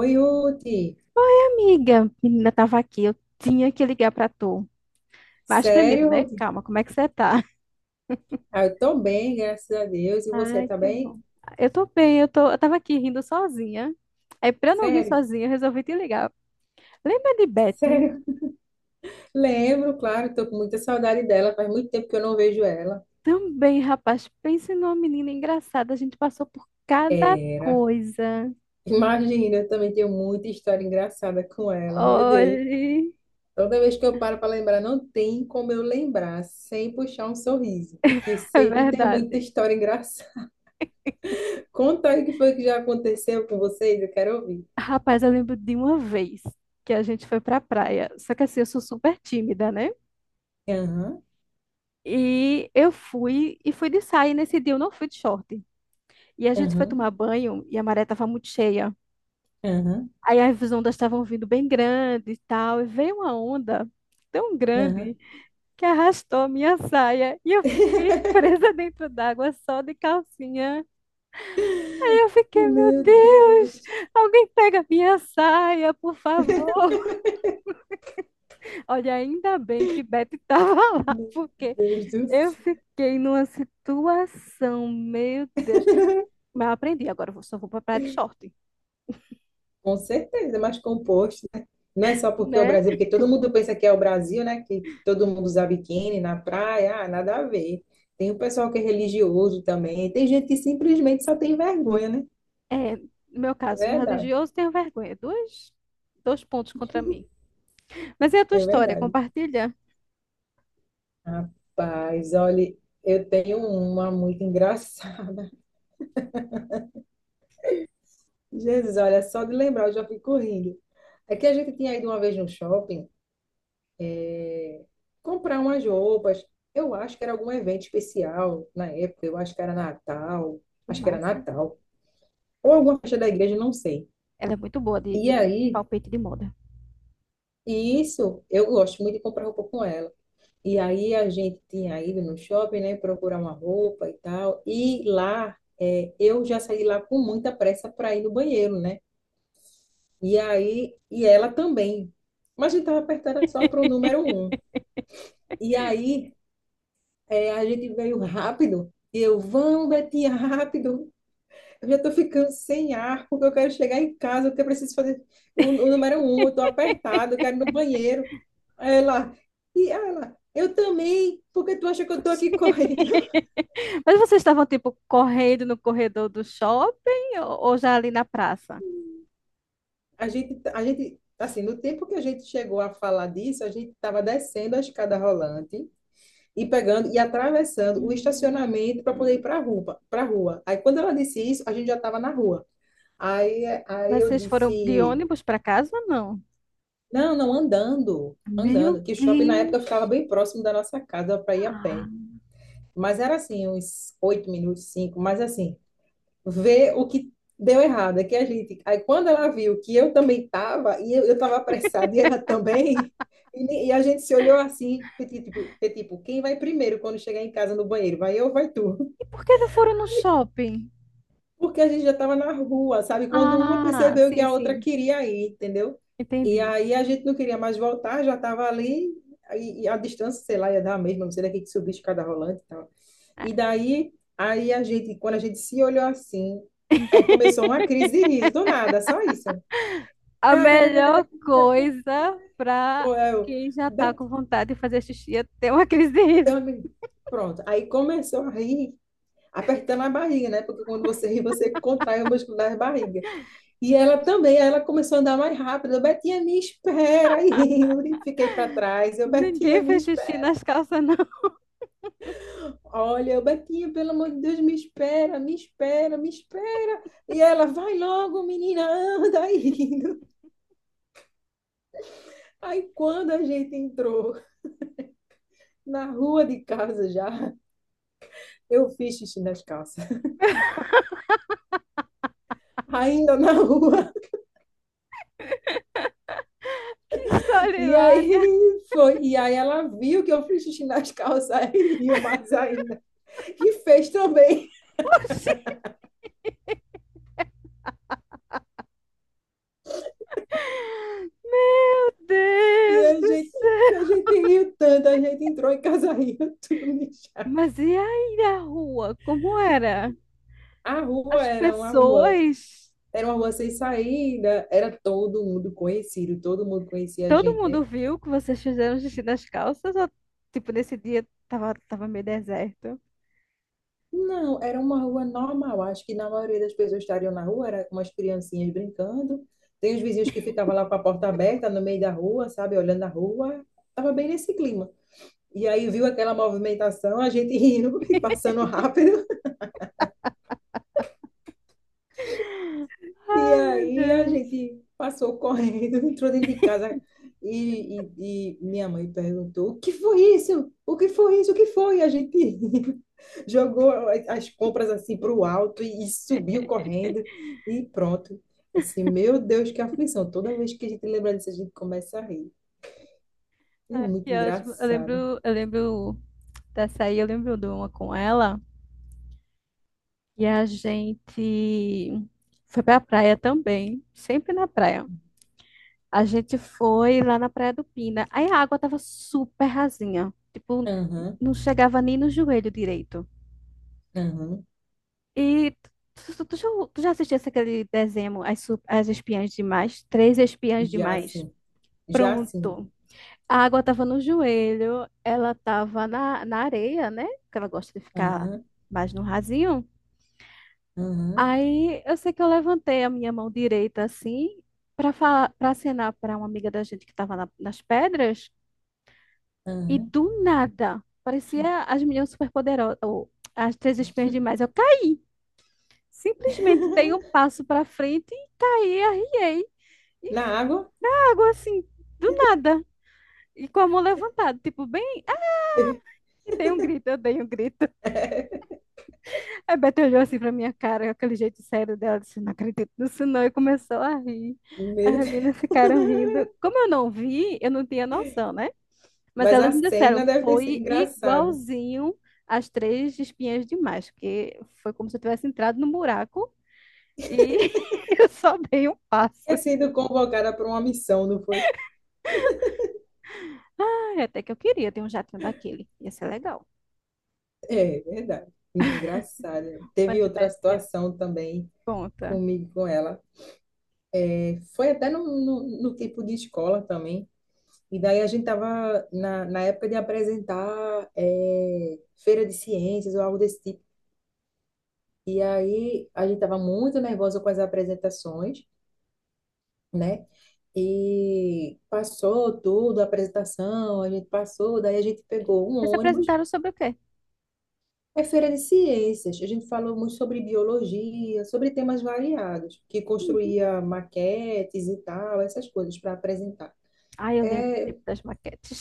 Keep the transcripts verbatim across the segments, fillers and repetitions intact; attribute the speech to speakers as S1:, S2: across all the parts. S1: Oi, Ruth.
S2: Amiga, menina tava aqui, eu tinha que ligar pra tu. Mas primeiro,
S1: Sério,
S2: né?
S1: Ruth?
S2: Calma, como é que você tá?
S1: Ah, eu tô bem, graças a Deus. E você
S2: Ai,
S1: tá
S2: que
S1: bem?
S2: bom. Eu tô bem, eu tô, eu tava aqui rindo sozinha. Aí pra eu não rir
S1: Sério?
S2: sozinha, eu resolvi te ligar. Lembra de Betty?
S1: Sério? Lembro, claro, tô com muita saudade dela. Faz muito tempo que eu não vejo ela.
S2: Também, rapaz, pense numa menina engraçada, a gente passou por cada
S1: Era.
S2: coisa.
S1: Imagina, eu também tenho muita história engraçada com ela, meu Deus.
S2: Olhe,
S1: Toda vez que eu paro para lembrar, não tem como eu lembrar sem puxar um sorriso, que
S2: é
S1: sempre tem muita
S2: verdade.
S1: história engraçada. Conta aí o que foi que já aconteceu com vocês, eu quero ouvir.
S2: Rapaz, eu lembro de uma vez que a gente foi pra praia. Só que assim, eu sou super tímida, né?
S1: Aham,
S2: E eu fui e fui de saia. E nesse dia eu não fui de short. E a gente foi
S1: aham,
S2: tomar banho e a maré estava muito cheia.
S1: aham,
S2: Aí as ondas estavam vindo bem grande e tal. E veio uma onda tão
S1: aham.
S2: grande que arrastou a minha saia. E eu fiquei presa dentro d'água só de calcinha. E eu fiquei, meu
S1: Meu
S2: Deus,
S1: Deus.
S2: alguém pega minha saia, por favor. Olha, ainda bem que Beth estava lá,
S1: Meu
S2: porque
S1: Deus do
S2: eu
S1: céu.
S2: fiquei numa situação, meu Deus. Mas eu aprendi, agora eu só vou pra praia de short.
S1: Com certeza, mas composto, né? Não é só porque é o
S2: Né?
S1: Brasil, porque todo mundo pensa que é o Brasil, né? Que, que todo mundo usa biquíni na praia, ah, nada a ver. Tem o pessoal que é religioso também. Tem gente que simplesmente só tem vergonha, né?
S2: É, no meu
S1: É
S2: caso,
S1: verdade,
S2: religioso, tenho vergonha. Dois, dois pontos contra mim. Mas e a tua
S1: é
S2: história?
S1: verdade.
S2: Compartilha.
S1: Rapaz, olha, eu tenho uma muito engraçada. Jesus, olha, só de lembrar eu já fico rindo. É que a gente tinha ido uma vez no shopping. Comprar umas roupas. Eu acho que era algum evento especial na época, eu acho que era Natal,
S2: Que
S1: acho que era
S2: massa.
S1: Natal, ou alguma festa da igreja, não sei.
S2: Ela é muito boa de,
S1: E
S2: de
S1: aí,
S2: palpite de moda.
S1: e isso, eu gosto muito de comprar roupa com ela. E aí a gente tinha ido no shopping, né, procurar uma roupa e tal. E lá, é, eu já saí lá com muita pressa para ir no banheiro, né? E aí, e ela também. Mas a gente tava apertando só pro número um. E aí, é, a gente veio rápido. E eu, vamos, Betinha, rápido. Eu já tô ficando sem ar, porque eu quero chegar em casa, porque eu preciso fazer o, o número um, eu tô apertado, eu quero ir no banheiro. Aí ela, e ela, eu também, porque tu acha que eu tô aqui correndo?
S2: Mas vocês estavam, tipo, correndo no corredor do shopping ou, ou já ali na praça?
S1: A gente, a gente, assim, no tempo que a gente chegou a falar disso, a gente estava descendo a escada rolante e pegando e atravessando o
S2: Hum.
S1: estacionamento para poder ir para a rua, para rua. Aí quando ela disse isso, a gente já estava na rua. Aí, aí
S2: Mas
S1: eu
S2: vocês foram de
S1: disse
S2: ônibus para casa ou não?
S1: não, não, andando,
S2: Meu
S1: andando. Que shopping na época ficava
S2: Deus!
S1: bem próximo da nossa casa para ir a
S2: Ah,
S1: pé. Mas era assim, uns oito minutos, cinco. Mas assim, ver o que deu errado. É que a gente. Aí quando ela viu que eu também estava, e eu estava apressada, e ela também. E, ni- e a gente se olhou assim, tipo, tipo, tipo, tipo, quem vai primeiro quando chegar em casa no banheiro? Vai eu ou vai tu?
S2: e por que não foram no shopping?
S1: Porque a gente já estava na rua, sabe? Quando uma
S2: Ah,
S1: percebeu que
S2: sim,
S1: a outra
S2: sim,
S1: queria ir, entendeu? E
S2: entendi.
S1: aí a gente não queria mais voltar, já estava ali, e e a distância, sei lá, ia dar a mesma, não sei daqui que subir escada rolante e tal. E daí, aí a gente, quando a gente se olhou assim, aí começou uma crise de riso, do nada, só isso.
S2: A melhor coisa para
S1: Ou eu,
S2: quem já tá
S1: Betânia.
S2: com vontade de fazer xixi é ter uma crise de riso.
S1: Pronto. Aí começou a rir, apertando a barriga, né? Porque quando você ri, você contrai o músculo da barriga. E ela também, aí ela começou a andar mais rápido. Eu, Betinha, me espera. Aí eu fiquei para trás. Eu, Betinha,
S2: Ninguém
S1: me
S2: fez xixi
S1: espera.
S2: nas calças, não.
S1: Olha, eu, Betinha, pelo amor de Deus, me espera, me espera, me espera. E ela, vai logo, menina, anda aí. Aí quando a gente entrou na rua de casa já, eu fiz xixi nas calças. Ainda na rua.
S2: Que história
S1: E
S2: hilária!
S1: aí foi. E aí ela viu que eu fiz xixi nas calças e riu mais ainda. E fez também.
S2: Oxi, meu
S1: E
S2: Deus
S1: a
S2: do
S1: gente,
S2: céu!
S1: a gente riu tanto, a gente entrou em casa rindo, tudo mijado.
S2: Mas e aí a rua? Como era?
S1: A rua
S2: As
S1: era uma rua,
S2: pessoas,
S1: Era uma rua sem saída, era todo mundo conhecido, todo mundo conhecia a
S2: todo
S1: gente, né?
S2: mundo viu que vocês fizeram xixi nas calças ou, tipo, nesse dia tava, tava meio deserto?
S1: Não, era uma rua normal. Acho que na maioria das pessoas estariam na rua, era com umas criancinhas brincando. Tem os vizinhos que ficavam lá com a porta aberta no meio da rua, sabe, olhando a rua. Tava bem nesse clima. E aí viu aquela movimentação, a gente rindo e passando rápido. E
S2: Ai, meu
S1: aí a
S2: Deus.
S1: gente passou correndo, entrou dentro de casa e, e- e minha mãe perguntou: O que foi isso? O que foi isso? O que foi? E a gente jogou as as compras assim para o alto e, e subiu correndo e pronto. Assim, meu Deus, que aflição! Toda vez que a gente lembra disso, a gente começa a rir. É
S2: Ai,
S1: muito
S2: que ótimo. Eu lembro,
S1: engraçado.
S2: eu lembro dessa aí, eu lembro de uma com ela e a gente foi pra praia também, sempre na praia. A gente foi lá na Praia do Pina. Aí a água tava super rasinha, tipo,
S1: Aham,
S2: não chegava nem no joelho direito.
S1: aham,
S2: E tu, tu- tu já, tu já assistisse aquele desenho, As, Su- As Espiãs Demais? Três Espiãs
S1: já
S2: Demais.
S1: sim, já sim.
S2: Pronto. A água tava no joelho, ela tava na, na, areia, né? Porque ela gosta de ficar
S1: Aham,
S2: mais no rasinho.
S1: aham,
S2: Aí eu sei que eu levantei a minha mão direita assim, para para pra acenar pra uma amiga da gente que estava nas pedras. E
S1: aham.
S2: do nada, parecia as meninas superpoderosas, ou as três espiãs demais. Eu caí. Simplesmente dei um passo para frente e caí, arriei. E
S1: Na
S2: f-
S1: água?
S2: Na água, assim, do nada. E com a mão levantada, tipo, bem, e dei um grito, eu dei um grito. A Beth olhou assim pra minha cara, com aquele jeito sério dela, disse, não acredito nisso não, e começou a rir. As
S1: Meu Deus.
S2: meninas ficaram rindo. Como eu não vi, eu não tinha noção, né? Mas
S1: Mas
S2: elas
S1: a
S2: me disseram,
S1: cena deve ter sido
S2: foi
S1: engraçada.
S2: igualzinho as três espinhas demais, porque foi como se eu tivesse entrado no buraco e eu só dei um passo.
S1: Ter sido convocada para uma missão, não foi?
S2: Ai, até que eu queria ter um jatinho daquele. Ia ser legal.
S1: É, é verdade. Muito engraçada. Teve
S2: Mas
S1: outra
S2: vai ser?
S1: situação também
S2: Conta.
S1: comigo, com ela. É, foi até no, no, no tipo de escola também. E daí a gente estava na, na época de apresentar é, feira de ciências ou algo desse tipo. E aí a gente estava muito nervosa com as apresentações, né? E passou tudo, a apresentação, a gente passou, daí a gente pegou um
S2: Vocês se
S1: ônibus.
S2: apresentaram sobre o quê?
S1: É feira de ciências. A gente falou muito sobre biologia, sobre temas variados, que
S2: Uhum.
S1: construía maquetes e tal, essas coisas para apresentar.
S2: Ai, eu lembro do
S1: É,
S2: tempo das maquetes.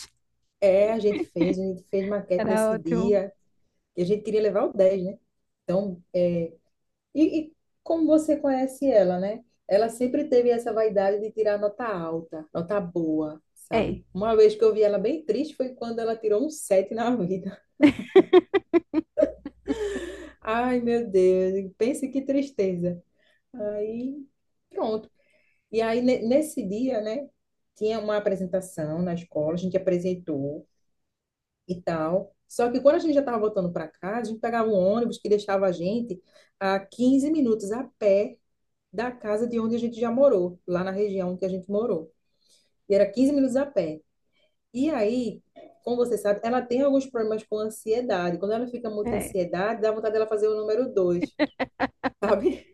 S1: é, a gente fez, a gente fez maquete
S2: Era
S1: nesse
S2: ótimo.
S1: dia, e a gente queria levar o dez, né? Então, é. e, e Como você conhece ela, né? Ela sempre teve essa vaidade de tirar nota alta, nota boa,
S2: É,
S1: sabe? Uma vez que eu vi ela bem triste foi quando ela tirou um sete na vida. Ai, meu Deus, pense que tristeza. Aí. Pronto. E aí, ne- nesse dia, né, tinha uma apresentação na escola, a gente apresentou e tal. Só que quando a gente já estava voltando para casa, a gente pegava um ônibus que deixava a gente a quinze minutos a pé da casa de onde a gente já morou, lá na região que a gente morou. E era quinze minutos a pé. E aí, como você sabe, ela tem alguns problemas com ansiedade. Quando ela fica muito
S2: é.
S1: ansiedade, dá vontade dela fazer o número dois, sabe?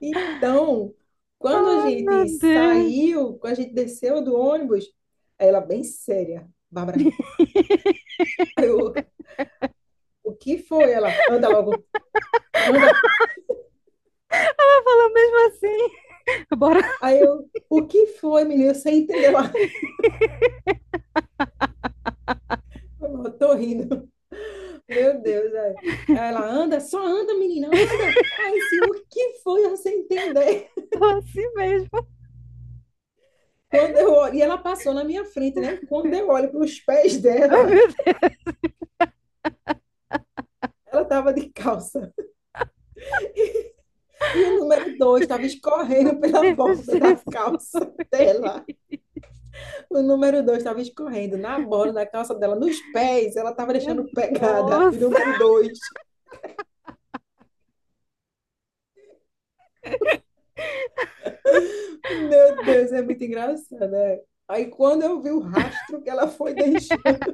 S1: Então, quando a
S2: Ai, meu
S1: gente
S2: Deus.
S1: saiu, quando a gente desceu do ônibus, aí ela bem séria, Bárbara. Aí eu, o que foi? Ela, anda logo, anda.
S2: Ela falou mesmo assim. Bora
S1: Aí eu, o que foi, menina? Sem entender lá. Eu tô rindo. Meu Deus, é. Aí ela, anda, só anda, menina, anda. Aí eu, assim, o que foi? Eu sem entender.
S2: falar assim mesmo.
S1: Quando eu olho, e ela passou na minha frente, né? Quando eu olho para os pés
S2: Ai,
S1: dela,
S2: meu Deus.
S1: ela tava de calça. E o número dois estava
S2: Meu
S1: escorrendo pela
S2: Deus,
S1: borda da
S2: Jesus.
S1: calça dela. O número dois estava escorrendo na borda da calça dela, nos pés. Ela estava
S2: Minha
S1: deixando pegada de
S2: nossa.
S1: número dois. Meu Deus, é muito engraçado, né? Aí quando eu vi o rastro que ela foi deixando,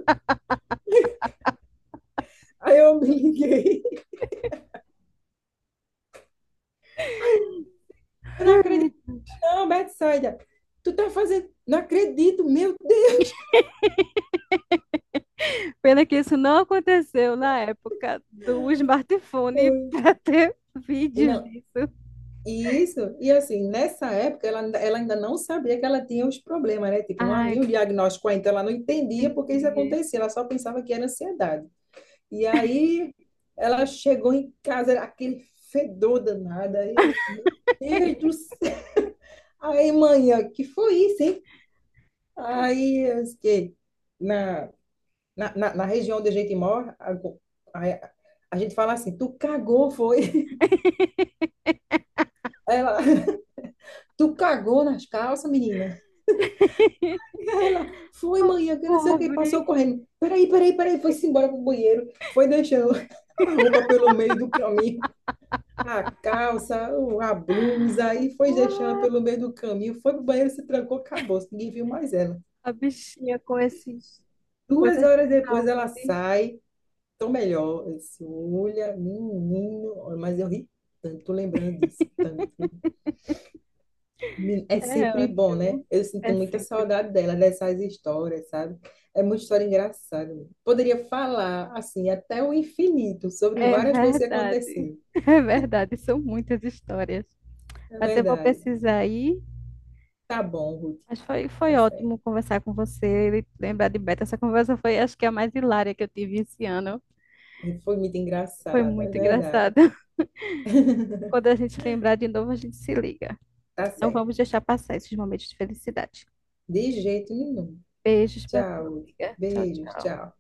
S1: aí eu me liguei. Ai, eu não acredito, não, Betsaida. Tu tá fazendo. Não acredito, meu Deus.
S2: Pena que isso não aconteceu na época do smartphone para ter vídeos
S1: Não,
S2: disso.
S1: isso, e assim, nessa época ela, ainda- ela ainda não sabia que ela tinha os problemas, né? Tipo, não
S2: Ah,
S1: havia um diagnóstico ainda, então ela não entendia por que isso
S2: entendi.
S1: acontecia, ela só pensava que era ansiedade. E aí ela chegou em casa, era aquele fedor danado, aí eu, meu Deus do céu! Aí, manhã, que foi isso, hein? Aí, eu disse que na, na, na, na região onde a gente mora, a, a, a gente fala assim, tu cagou, foi? Aí ela, tu cagou nas calças, menina? E ela foi, mãe, que
S2: A
S1: não sei o que,
S2: pobre,
S1: passou correndo. Peraí, peraí, peraí, foi-se embora pro banheiro, foi deixando a roupa pelo meio do caminho, a calça, o- a blusa, aí foi deixando pelo meio do caminho, foi pro banheiro, se trancou, acabou, ninguém viu mais ela.
S2: a bichinha com esses
S1: Duas
S2: coisas de
S1: horas depois ela
S2: saúde.
S1: sai, tô melhor. Eu disse, olha, menino, olha, mas eu ri tanto lembrando disso, tanto. Men- É
S2: É
S1: sempre bom, né?
S2: ótimo.
S1: Eu sinto
S2: É
S1: muita
S2: sempre bom.
S1: saudade dela, dessas histórias, sabe? É muita história engraçada. Né? Poderia falar, assim, até o infinito sobre
S2: É
S1: várias coisas que
S2: verdade.
S1: aconteceram.
S2: É verdade, são muitas histórias.
S1: É
S2: Mas eu vou
S1: verdade.
S2: precisar ir.
S1: Tá bom, Ruth,
S2: Mas foi, foi
S1: tá certo.
S2: ótimo conversar com você e lembrar de Beto. Essa conversa foi, acho que, a mais hilária que eu tive esse ano.
S1: Foi muito
S2: Foi
S1: engraçado, é
S2: muito
S1: verdade.
S2: engraçado. Quando a gente lembrar de novo, a gente se liga.
S1: Tá
S2: Não
S1: certo.
S2: vamos deixar passar esses momentos de felicidade.
S1: De jeito nenhum.
S2: Beijos pra tu,
S1: Tchau, Ruth.
S2: amiga. Tchau,
S1: Beijos,
S2: tchau.
S1: tchau.